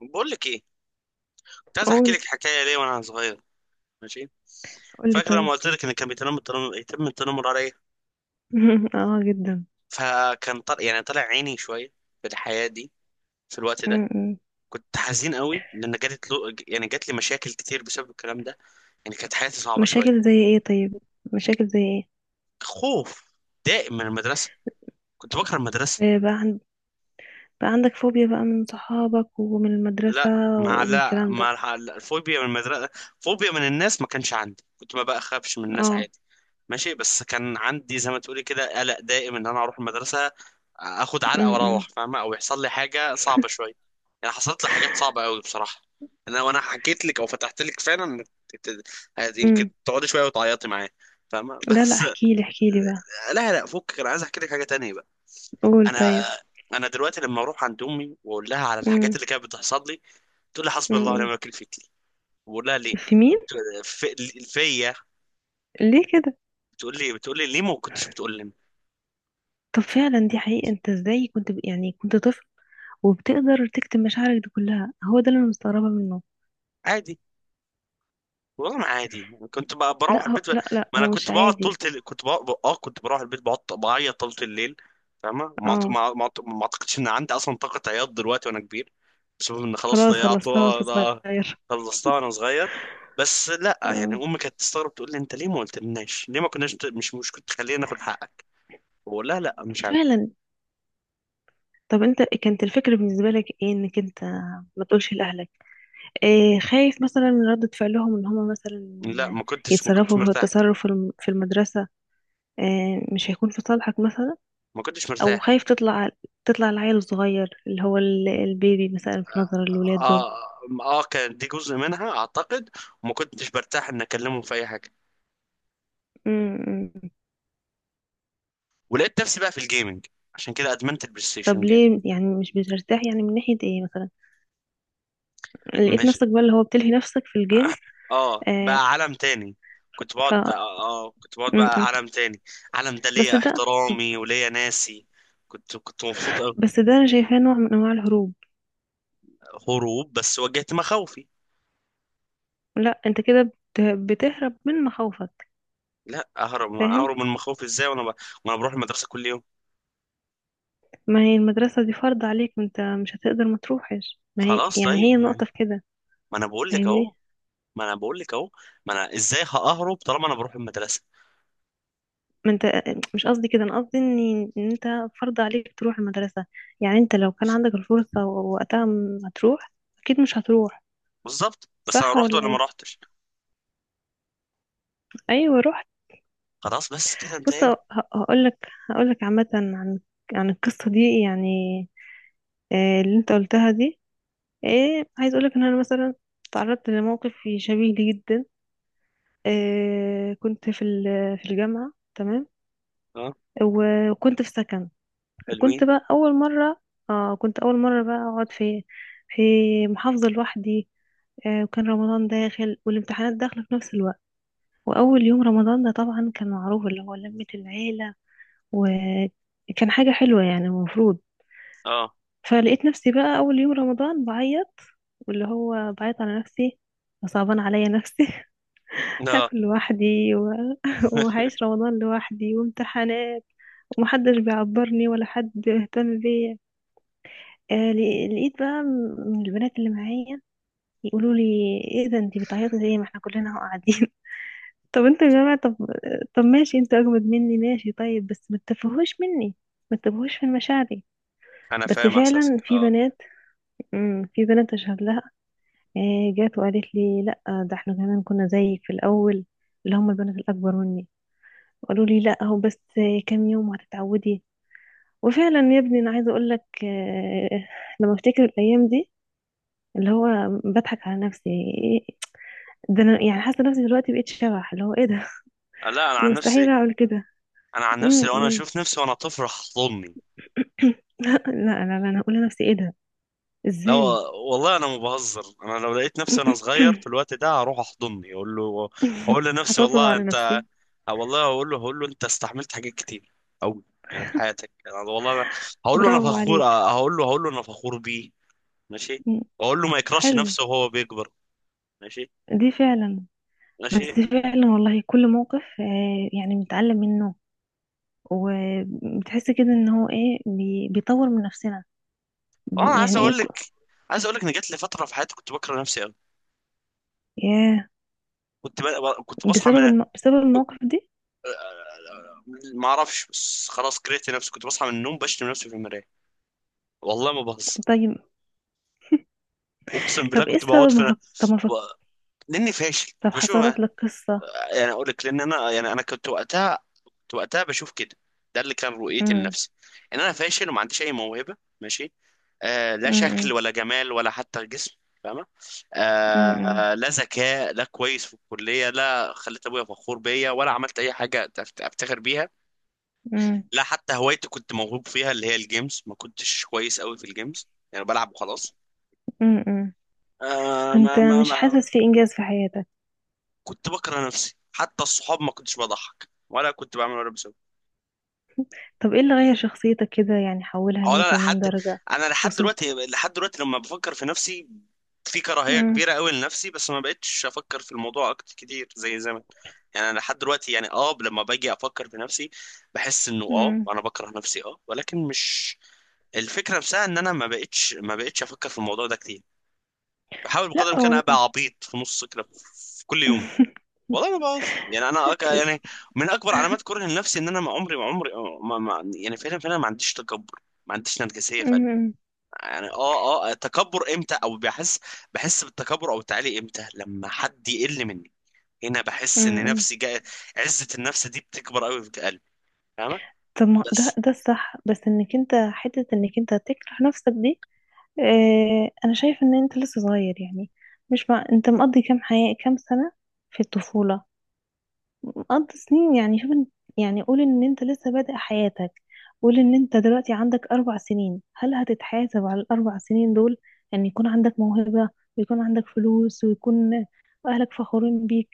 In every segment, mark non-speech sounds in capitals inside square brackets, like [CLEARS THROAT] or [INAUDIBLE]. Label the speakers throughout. Speaker 1: بقول لك ايه؟ كنت عايز احكي
Speaker 2: قول
Speaker 1: لك حكايه ليه وانا صغير. ماشي.
Speaker 2: قول لي
Speaker 1: فاكر لما
Speaker 2: طيب.
Speaker 1: قلت لك ان كان بيتنمر، التنمر، يتم التنمر عليا؟
Speaker 2: [LAUGHS] اه، جدا.
Speaker 1: فكان طلع، يعني طلع عيني شويه في الحياه دي، في الوقت ده.
Speaker 2: م-م.
Speaker 1: كنت حزين قوي لان جات له، يعني جات لي مشاكل كتير بسبب الكلام ده، يعني كانت حياتي صعبه شويه.
Speaker 2: مشاكل زي ايه طيب؟ مشاكل زي ايه؟
Speaker 1: خوف دائم من المدرسه، كنت بكره المدرسه.
Speaker 2: آه، بقى, عند... بقى عندك فوبيا بقى من صحابك ومن المدرسة.
Speaker 1: لا، مع،
Speaker 2: ومن
Speaker 1: لا
Speaker 2: الكلام ده.
Speaker 1: مع الفوبيا من المدرسة. فوبيا من الناس ما كانش عندي، كنت ما بخافش من الناس
Speaker 2: اه.
Speaker 1: عادي. ماشي، بس كان عندي زي ما تقولي كده قلق دائم ان انا اروح المدرسة اخد علقة
Speaker 2: م-م.
Speaker 1: واروح، فاهمة؟ او يحصل لي حاجة صعبة شوية. يعني حصلت لي حاجات صعبة قوي بصراحة. انا وانا حكيت لك او فتحت لك فعلا، يمكن
Speaker 2: م.
Speaker 1: تقعدي شوية وتعيطي معايا، فاهمة؟ [LAUGHS]
Speaker 2: لا، لا،
Speaker 1: بس.
Speaker 2: احكي لي احكي لي بقى.
Speaker 1: لا لا، فكك، انا عايز احكي لك حاجة تانية بقى.
Speaker 2: قول
Speaker 1: انا،
Speaker 2: طيب.
Speaker 1: انا دلوقتي لما اروح عند امي واقول لها على الحاجات
Speaker 2: م.
Speaker 1: اللي كانت بتحصل لي، تقول لي حسبي الله ونعم
Speaker 2: م-م.
Speaker 1: الوكيل فيك. بقول لها ليه؟
Speaker 2: في مين؟
Speaker 1: فيا.
Speaker 2: ليه كده؟
Speaker 1: بتقول لي، بتقول لي ليه ما كنتش بتقول لي.
Speaker 2: طب فعلا دي حقيقة، انت ازاي كنت يعني كنت طفل وبتقدر تكتم مشاعرك دي كلها؟ هو ده اللي انا مستغربة منه.
Speaker 1: عادي. والله ما عادي. كنت بروح البيت ب...
Speaker 2: لا، لا،
Speaker 1: ما
Speaker 2: هو
Speaker 1: انا كنت
Speaker 2: مش
Speaker 1: بقعد طول
Speaker 2: عادي.
Speaker 1: تل... كنت بقعد... اه، كنت بروح البيت بقعد بعيط طول الليل. فاهمه؟
Speaker 2: اه.
Speaker 1: ما اعتقدش ان عندي اصلا طاقه عياط دلوقتي وانا كبير بسبب ان خلاص
Speaker 2: خلاص خلصناه
Speaker 1: ضيعتها.
Speaker 2: وانت
Speaker 1: ض-
Speaker 2: صغير.
Speaker 1: خلصتها وانا صغير. بس لا، يعني
Speaker 2: اه.
Speaker 1: امي كانت تستغرب تقول لي انت ليه ما قلتلناش؟ ليه ما كناش مش كنت تخلينا ناخد حقك؟ بقول لها لا، مش عارف.
Speaker 2: فعلا. طب انت كانت الفكرة بالنسبة لك ايه انك انت ما تقولش لأهلك؟ إيه، خايف مثلا من ردة فعلهم ان هم
Speaker 1: لا،
Speaker 2: مثلا
Speaker 1: ما كنتش
Speaker 2: يتصرفوا في
Speaker 1: مرتاح.
Speaker 2: التصرف في في المدرسة؟ إيه مش هيكون في صالحك مثلا؟
Speaker 1: ما كنتش
Speaker 2: او
Speaker 1: مرتاح.
Speaker 2: خايف تطلع العيل الصغير اللي هو البيبي مثلا في نظر الولاد دول؟
Speaker 1: اه اه آه، كان دي جزء منها اعتقد. وما كنتش برتاح ان اكلمهم في اي حاجه.
Speaker 2: امم.
Speaker 1: ولقيت نفسي بقى في الجيمنج، عشان كده ادمنت البلاي ستيشن
Speaker 2: طب
Speaker 1: جيم.
Speaker 2: ليه يعني مش بترتاح؟ يعني من ناحية ايه مثلا؟ لقيت
Speaker 1: مش،
Speaker 2: نفسك بقى اللي هو بتلهي نفسك في الجيم.
Speaker 1: [COUGHS] اه،
Speaker 2: آه
Speaker 1: بقى عالم تاني. كنت
Speaker 2: ف
Speaker 1: بقعد اه
Speaker 2: م-
Speaker 1: آه، كنت بقعد
Speaker 2: م.
Speaker 1: بقى عالم تاني. عالم ده
Speaker 2: بس
Speaker 1: ليا
Speaker 2: ده
Speaker 1: احترامي وليا ناسي. كنت مبسوط أوي.
Speaker 2: بس ده انا شايفاه نوع من انواع الهروب.
Speaker 1: هروب، بس واجهت مخاوفي.
Speaker 2: لا انت كده بتهرب من مخاوفك.
Speaker 1: لا، اهرب،
Speaker 2: فاهم.
Speaker 1: اهرب من مخاوفي ازاي وانا ب... وانا بروح المدرسه كل يوم؟
Speaker 2: ما هي المدرسة دي فرض عليك، ما انت مش هتقدر ما تروحش، ما هي
Speaker 1: خلاص
Speaker 2: يعني هي
Speaker 1: طيب، ما،
Speaker 2: النقطة في كده.
Speaker 1: ما انا بقول لك اهو.
Speaker 2: فاهمني.
Speaker 1: ما انا بقول لك اهو. ما انا ازاي ههرب طالما انا بروح المدرسه؟
Speaker 2: ما انت مش قصدي كده، انا قصدي ان انت فرض عليك تروح المدرسة. يعني انت لو كان عندك الفرصة وقتها ما تروح، اكيد مش هتروح،
Speaker 1: بالظبط، بس انا
Speaker 2: صح
Speaker 1: رحت
Speaker 2: ولا
Speaker 1: ولا ما
Speaker 2: ايه؟
Speaker 1: رحتش؟
Speaker 2: ايوه رحت.
Speaker 1: خلاص، بس كده
Speaker 2: بص،
Speaker 1: انتهينا.
Speaker 2: هقول لك عامة عن القصة دي، يعني آه، اللي انت قلتها دي. ايه، عايز اقول لك ان انا مثلا تعرضت لموقف شبيه لي جدا. كنت في في الجامعة، تمام.
Speaker 1: اه.
Speaker 2: وكنت في سكن.
Speaker 1: حلوين.
Speaker 2: وكنت بقى أول مرة، كنت أول مرة بقى أقعد في محافظة لوحدي. وكان رمضان داخل والامتحانات داخلة في نفس الوقت. وأول يوم رمضان ده طبعا كان معروف اللي هو لمة العيلة، وكان حاجة حلوة يعني المفروض.
Speaker 1: اه.
Speaker 2: فلقيت نفسي بقى أول يوم رمضان بعيط، واللي هو بعيط على نفسي، وصعبان عليا نفسي. [LAUGHS]
Speaker 1: لا
Speaker 2: هاكل لوحدي [LAUGHS] وهعيش رمضان لوحدي وامتحانات، ومحدش بيعبرني ولا حد بيهتم بيا. لقيت بقى من البنات اللي معايا يقولوا لي: ايه ده انت بتعيطي ليه؟ ما احنا كلنا اهو قاعدين. [LAUGHS] طب انتوا يا جماعه، طب، طب ماشي، انتوا اجمد مني، ماشي طيب بس ما تتفهوش مني، ما تتفهوش في مشاعري.
Speaker 1: انا
Speaker 2: بس
Speaker 1: فاهم احساسك،
Speaker 2: فعلا في
Speaker 1: اه.
Speaker 2: بنات، في بنات اشهد لها. جات وقالت لي: لا، ده احنا كمان كنا زيك في الاول. اللي هم البنات الاكبر مني قالوا لي: لا، هو بس كام يوم وهتتعودي. وفعلا يا ابني، انا عايزه اقول لك لما افتكر الايام دي اللي هو بضحك على نفسي. إيه- ده انا يعني حاسه نفسي دلوقتي بقيت شبح، اللي هو ايه ده.
Speaker 1: لا انا
Speaker 2: [LAUGHS] انا
Speaker 1: عن
Speaker 2: مستحيل
Speaker 1: نفسي،
Speaker 2: اعمل كده.
Speaker 1: انا عن نفسي لو انا
Speaker 2: م.
Speaker 1: اشوف نفسي وانا طفل هحضني.
Speaker 2: [COUGHS] لا، لا، لا، انا هقول لنفسي ايه ده،
Speaker 1: لا،
Speaker 2: ازاي.
Speaker 1: والله انا ما بهزر. انا لو لقيت نفسي وانا صغير في
Speaker 2: [COUGHS]
Speaker 1: الوقت ده، هروح احضني، اقول له، اقول لنفسي
Speaker 2: هطبطب
Speaker 1: والله
Speaker 2: على
Speaker 1: انت.
Speaker 2: نفسي.
Speaker 1: أو والله اقول له، هقول له انت استحملت حاجات كتير قوي يعني في حياتك. يعني والله أنا هقول له انا
Speaker 2: برافو
Speaker 1: فخور،
Speaker 2: عليك.
Speaker 1: آه، هقول له، هقول له انا فخور بيه. ماشي.
Speaker 2: م.
Speaker 1: واقول له ما يكرهش
Speaker 2: حلو.
Speaker 1: نفسه وهو بيكبر. ماشي.
Speaker 2: دي فعلا.
Speaker 1: ماشي.
Speaker 2: بس فعلا والله كل موقف يعني بنتعلم منه. وبتحس كده ان هو ايه بيطور من نفسنا.
Speaker 1: اه انا عايز
Speaker 2: يعني ايه
Speaker 1: اقول لك، عايز اقول لك ان جات لي فتره في حياتي كنت بكره نفسي قوي.
Speaker 2: ياه.
Speaker 1: كنت ب... كنت بصحى من،
Speaker 2: بسبب المواقف دي.
Speaker 1: ما اعرفش، بس خلاص كرهت نفسي. كنت بصحى من النوم بشتم نفسي في المرايه. والله ما بهزر،
Speaker 2: طيب.
Speaker 1: اقسم بالله.
Speaker 2: طب ايه
Speaker 1: كنت بقعد
Speaker 2: السبب
Speaker 1: في
Speaker 2: ما فك... طب ما
Speaker 1: و-
Speaker 2: فك...
Speaker 1: لاني فاشل،
Speaker 2: طب
Speaker 1: كنت بشوف،
Speaker 2: حصلت لك قصة.
Speaker 1: يعني اقول لك، لان انا يعني انا كنت وقتها، كنت وقتها بشوف كده. ده اللي كان رؤيتي
Speaker 2: امم.
Speaker 1: لنفسي، ان انا فاشل وما عنديش اي موهبه، ماشي. آه، لا شكل
Speaker 2: امم.
Speaker 1: ولا جمال ولا حتى جسم، فاهمه؟
Speaker 2: امم.
Speaker 1: آه
Speaker 2: امم.
Speaker 1: آه، لا ذكاء، لا كويس في الكليه، لا خليت ابويا فخور بيا، ولا عملت اي حاجه افتخر بيها.
Speaker 2: امم.
Speaker 1: لا حتى هوايتي كنت موهوب فيها اللي هي الجيمز، ما كنتش كويس قوي في الجيمز، يعني بلعب وخلاص.
Speaker 2: إمم، إمم، إمم.
Speaker 1: آه ما
Speaker 2: فانت
Speaker 1: ما
Speaker 2: مش
Speaker 1: ما
Speaker 2: حاسس في انجاز في حياتك.
Speaker 1: كنت بكره نفسي. حتى الصحاب ما كنتش بضحك ولا كنت بعمل ولا بسوي.
Speaker 2: طب ايه اللي غير شخصيتك كده؟ يعني حولها
Speaker 1: هو انا
Speaker 2: 180
Speaker 1: لحد،
Speaker 2: درجة.
Speaker 1: انا لحد
Speaker 2: وصلت.
Speaker 1: دلوقتي، لحد دلوقتي لما بفكر في نفسي في كراهية
Speaker 2: امم.
Speaker 1: كبيرة قوي لنفسي، بس ما بقتش افكر في الموضوع اكتر كتير زي زمان. يعني انا لحد دلوقتي يعني اه لما باجي افكر في نفسي، بحس انه اه
Speaker 2: امم.
Speaker 1: انا بكره نفسي اه، ولكن مش الفكرة نفسها. ان انا ما بقتش افكر في الموضوع ده كتير. بحاول بقدر
Speaker 2: لا،
Speaker 1: الامكان ابقى عبيط في نص كده في كل يوم.
Speaker 2: [LAUGHS]
Speaker 1: والله ما بهزر. يعني انا أك... يعني من اكبر علامات كره لنفسي ان انا ما عمري ما... ما... يعني فعلا فعلا ما عنديش تكبر، ما عنديش نرجسية فعلا.
Speaker 2: امم. امم.
Speaker 1: يعني اه اه تكبر امتى؟ او بحس، بحس بالتكبر او التعالي امتى؟ لما حد يقل مني، هنا بحس ان
Speaker 2: إمم، إمم.
Speaker 1: نفسي جاي. عزة النفس دي بتكبر قوي في قلبي، فاهمة؟
Speaker 2: طب ما ده
Speaker 1: بس
Speaker 2: ده الصح بس انك انت حتة انك انت تكره نفسك دي. انا شايف ان انت لسه صغير يعني. مش مع... انت مقضي كام سنة في الطفولة، مقضي سنين يعني شوف يعني قول ان انت لسه بادئ حياتك. قول ان انت دلوقتي عندك اربع سنين، هل هتتحاسب على الاربع سنين دول ان يكون عندك موهبة، ويكون عندك فلوس، ويكون اهلك فخورين بيك؟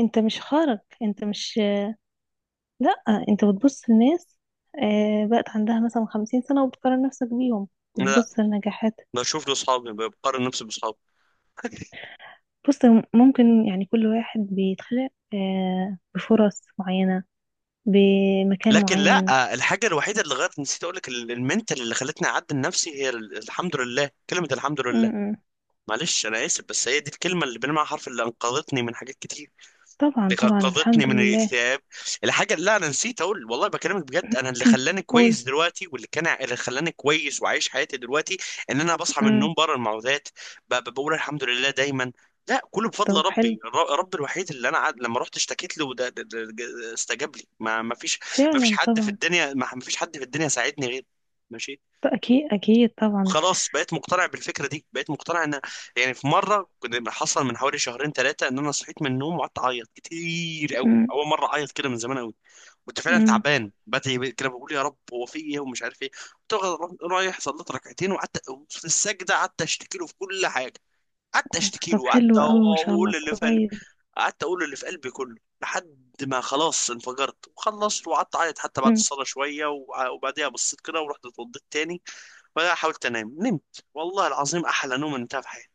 Speaker 2: انت مش خارج، انت مش. لا، انت بتبص لناس بقت عندها مثلا خمسين سنة وبتقارن نفسك بيهم.
Speaker 1: لا،
Speaker 2: بتبص لنجاحات.
Speaker 1: بشوف لاصحابي، بقارن نفسي باصحابي.
Speaker 2: بص، ممكن يعني كل واحد بيتخلق بفرص معينة بمكان
Speaker 1: لكن لا،
Speaker 2: معين.
Speaker 1: آه، الحاجة الوحيدة اللي غيرت، نسيت اقول لك، المنتال اللي خلتني اعدل نفسي هي الحمد لله، كلمة الحمد
Speaker 2: م-
Speaker 1: لله.
Speaker 2: م.
Speaker 1: معلش انا اسف، بس هي دي الكلمة، اللي بنمع حرف، اللي انقذتني من حاجات كتير،
Speaker 2: طبعا،
Speaker 1: اللي
Speaker 2: طبعا الحمد
Speaker 1: انقذتني من
Speaker 2: لله.
Speaker 1: الاكتئاب. الحاجه، لا انا نسيت اقول والله، بكلمك بجد، انا اللي خلاني
Speaker 2: [CLEARS THROAT] قول.
Speaker 1: كويس دلوقتي، واللي كان اللي خلاني كويس وعايش حياتي دلوقتي، ان انا بصحى من
Speaker 2: م.
Speaker 1: النوم بره المعوذات، بقول الحمد لله دايما. لا، كله بفضل
Speaker 2: طب حلو.
Speaker 1: ربي. ربي الوحيد اللي انا عاد لما رحت اشتكيت له، استجاب لي. ما فيش ما فيش
Speaker 2: فعلا،
Speaker 1: حد في
Speaker 2: طبعا.
Speaker 1: الدنيا، ما فيش حد في الدنيا ساعدني غير، ماشي.
Speaker 2: أكيد، أكيد، طبعا.
Speaker 1: خلاص بقيت مقتنع بالفكره دي، بقيت مقتنع ان، يعني في مره كنت، حصل من حوالي شهرين ثلاثه، ان انا صحيت من النوم وقعدت اعيط كتير قوي،
Speaker 2: م-
Speaker 1: اول مره اعيط كده من زمان قوي. كنت فعلا
Speaker 2: م.
Speaker 1: تعبان، بدعي كده بقول يا رب هو في ايه، ومش عارف ايه. كنت رايح، صليت ركعتين، وقعدت في السجده، قعدت اشتكي له في كل حاجه، قعدت اشتكي
Speaker 2: طب
Speaker 1: له، وقعدت
Speaker 2: حلو أوي، ما شاء
Speaker 1: اقول
Speaker 2: الله،
Speaker 1: اللي،
Speaker 2: كويس.
Speaker 1: قعدت اقول اللي في قلبي كله، لحد ما خلاص انفجرت وخلصت، وقعدت اعيط حتى بعد
Speaker 2: م.
Speaker 1: الصلاه شويه. وبعديها بصيت كده ورحت اتوضيت تاني، وبعدها حاولت انام، نمت والله العظيم احلى نوم انتهى في حياتي.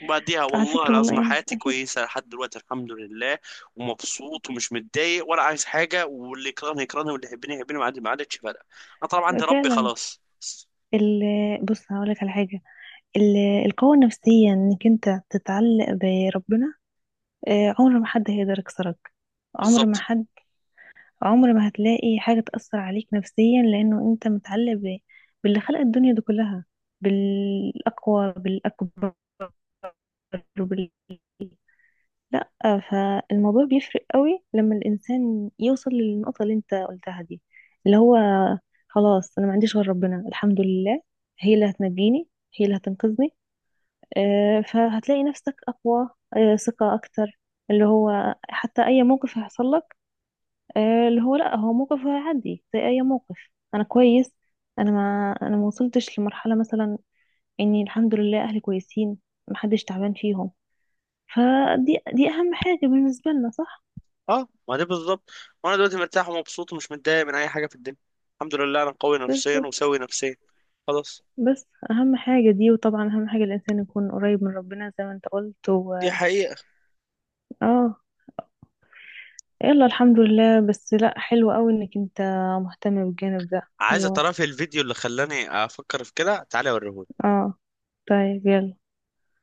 Speaker 1: وبعديها
Speaker 2: على
Speaker 1: والله
Speaker 2: فكرة، والله
Speaker 1: العظيم
Speaker 2: يعني
Speaker 1: حياتي
Speaker 2: أكيد.
Speaker 1: كويسه لحد دلوقتي الحمد لله. ومبسوط ومش متضايق ولا عايز حاجه، واللي يكرهني يكرهني واللي يحبني يحبني، ما عادتش فارقه. انا طبعا عندي ربي،
Speaker 2: فعلا.
Speaker 1: خلاص.
Speaker 2: ال بص هقولك على حاجة. ال- القوة النفسية إنك أنت تتعلق بربنا، عمر ما حد هيقدر يكسرك. عمر ما
Speaker 1: بالظبط.
Speaker 2: حد. عمر ما هتلاقي حاجة تأثر عليك نفسيا لأنه أنت متعلق باللي خلق الدنيا دي كلها، بالأقوى، بالأكبر وبال... لا. فالموضوع بيفرق قوي لما الإنسان يوصل للنقطة اللي أنت قلتها دي، اللي هو: خلاص أنا ما عنديش غير ربنا الحمد لله، هي اللي هتنجيني، هي اللي هتنقذني. فهتلاقي نفسك أقوى، ثقة أكتر، اللي هو حتى أي موقف هيحصل لك اللي هو لا، هو موقف عادي زي اي موقف. انا كويس. انا ما وصلتش لمرحله مثلا اني الحمد لله اهلي كويسين، محدش تعبان فيهم. فدي اهم حاجه بالنسبه لنا، صح.
Speaker 1: اه ما دي بالظبط. وانا دلوقتي مرتاح ومبسوط ومش متضايق من اي حاجه في الدنيا. الحمد لله انا قوي
Speaker 2: بس
Speaker 1: نفسيا وسوي نفسيا. خلاص.
Speaker 2: بس اهم حاجه دي، وطبعا اهم حاجه الانسان يكون قريب من ربنا زي ما انت قلت
Speaker 1: دي حقيقه.
Speaker 2: اه. يلا الحمد لله، بس لا حلو قوي انك انت مهتم بالجانب ده.
Speaker 1: عايز
Speaker 2: هو.
Speaker 1: تعرفي الفيديو اللي خلاني افكر في كده؟ تعالي اوريهولك.
Speaker 2: اه. طيب يلا.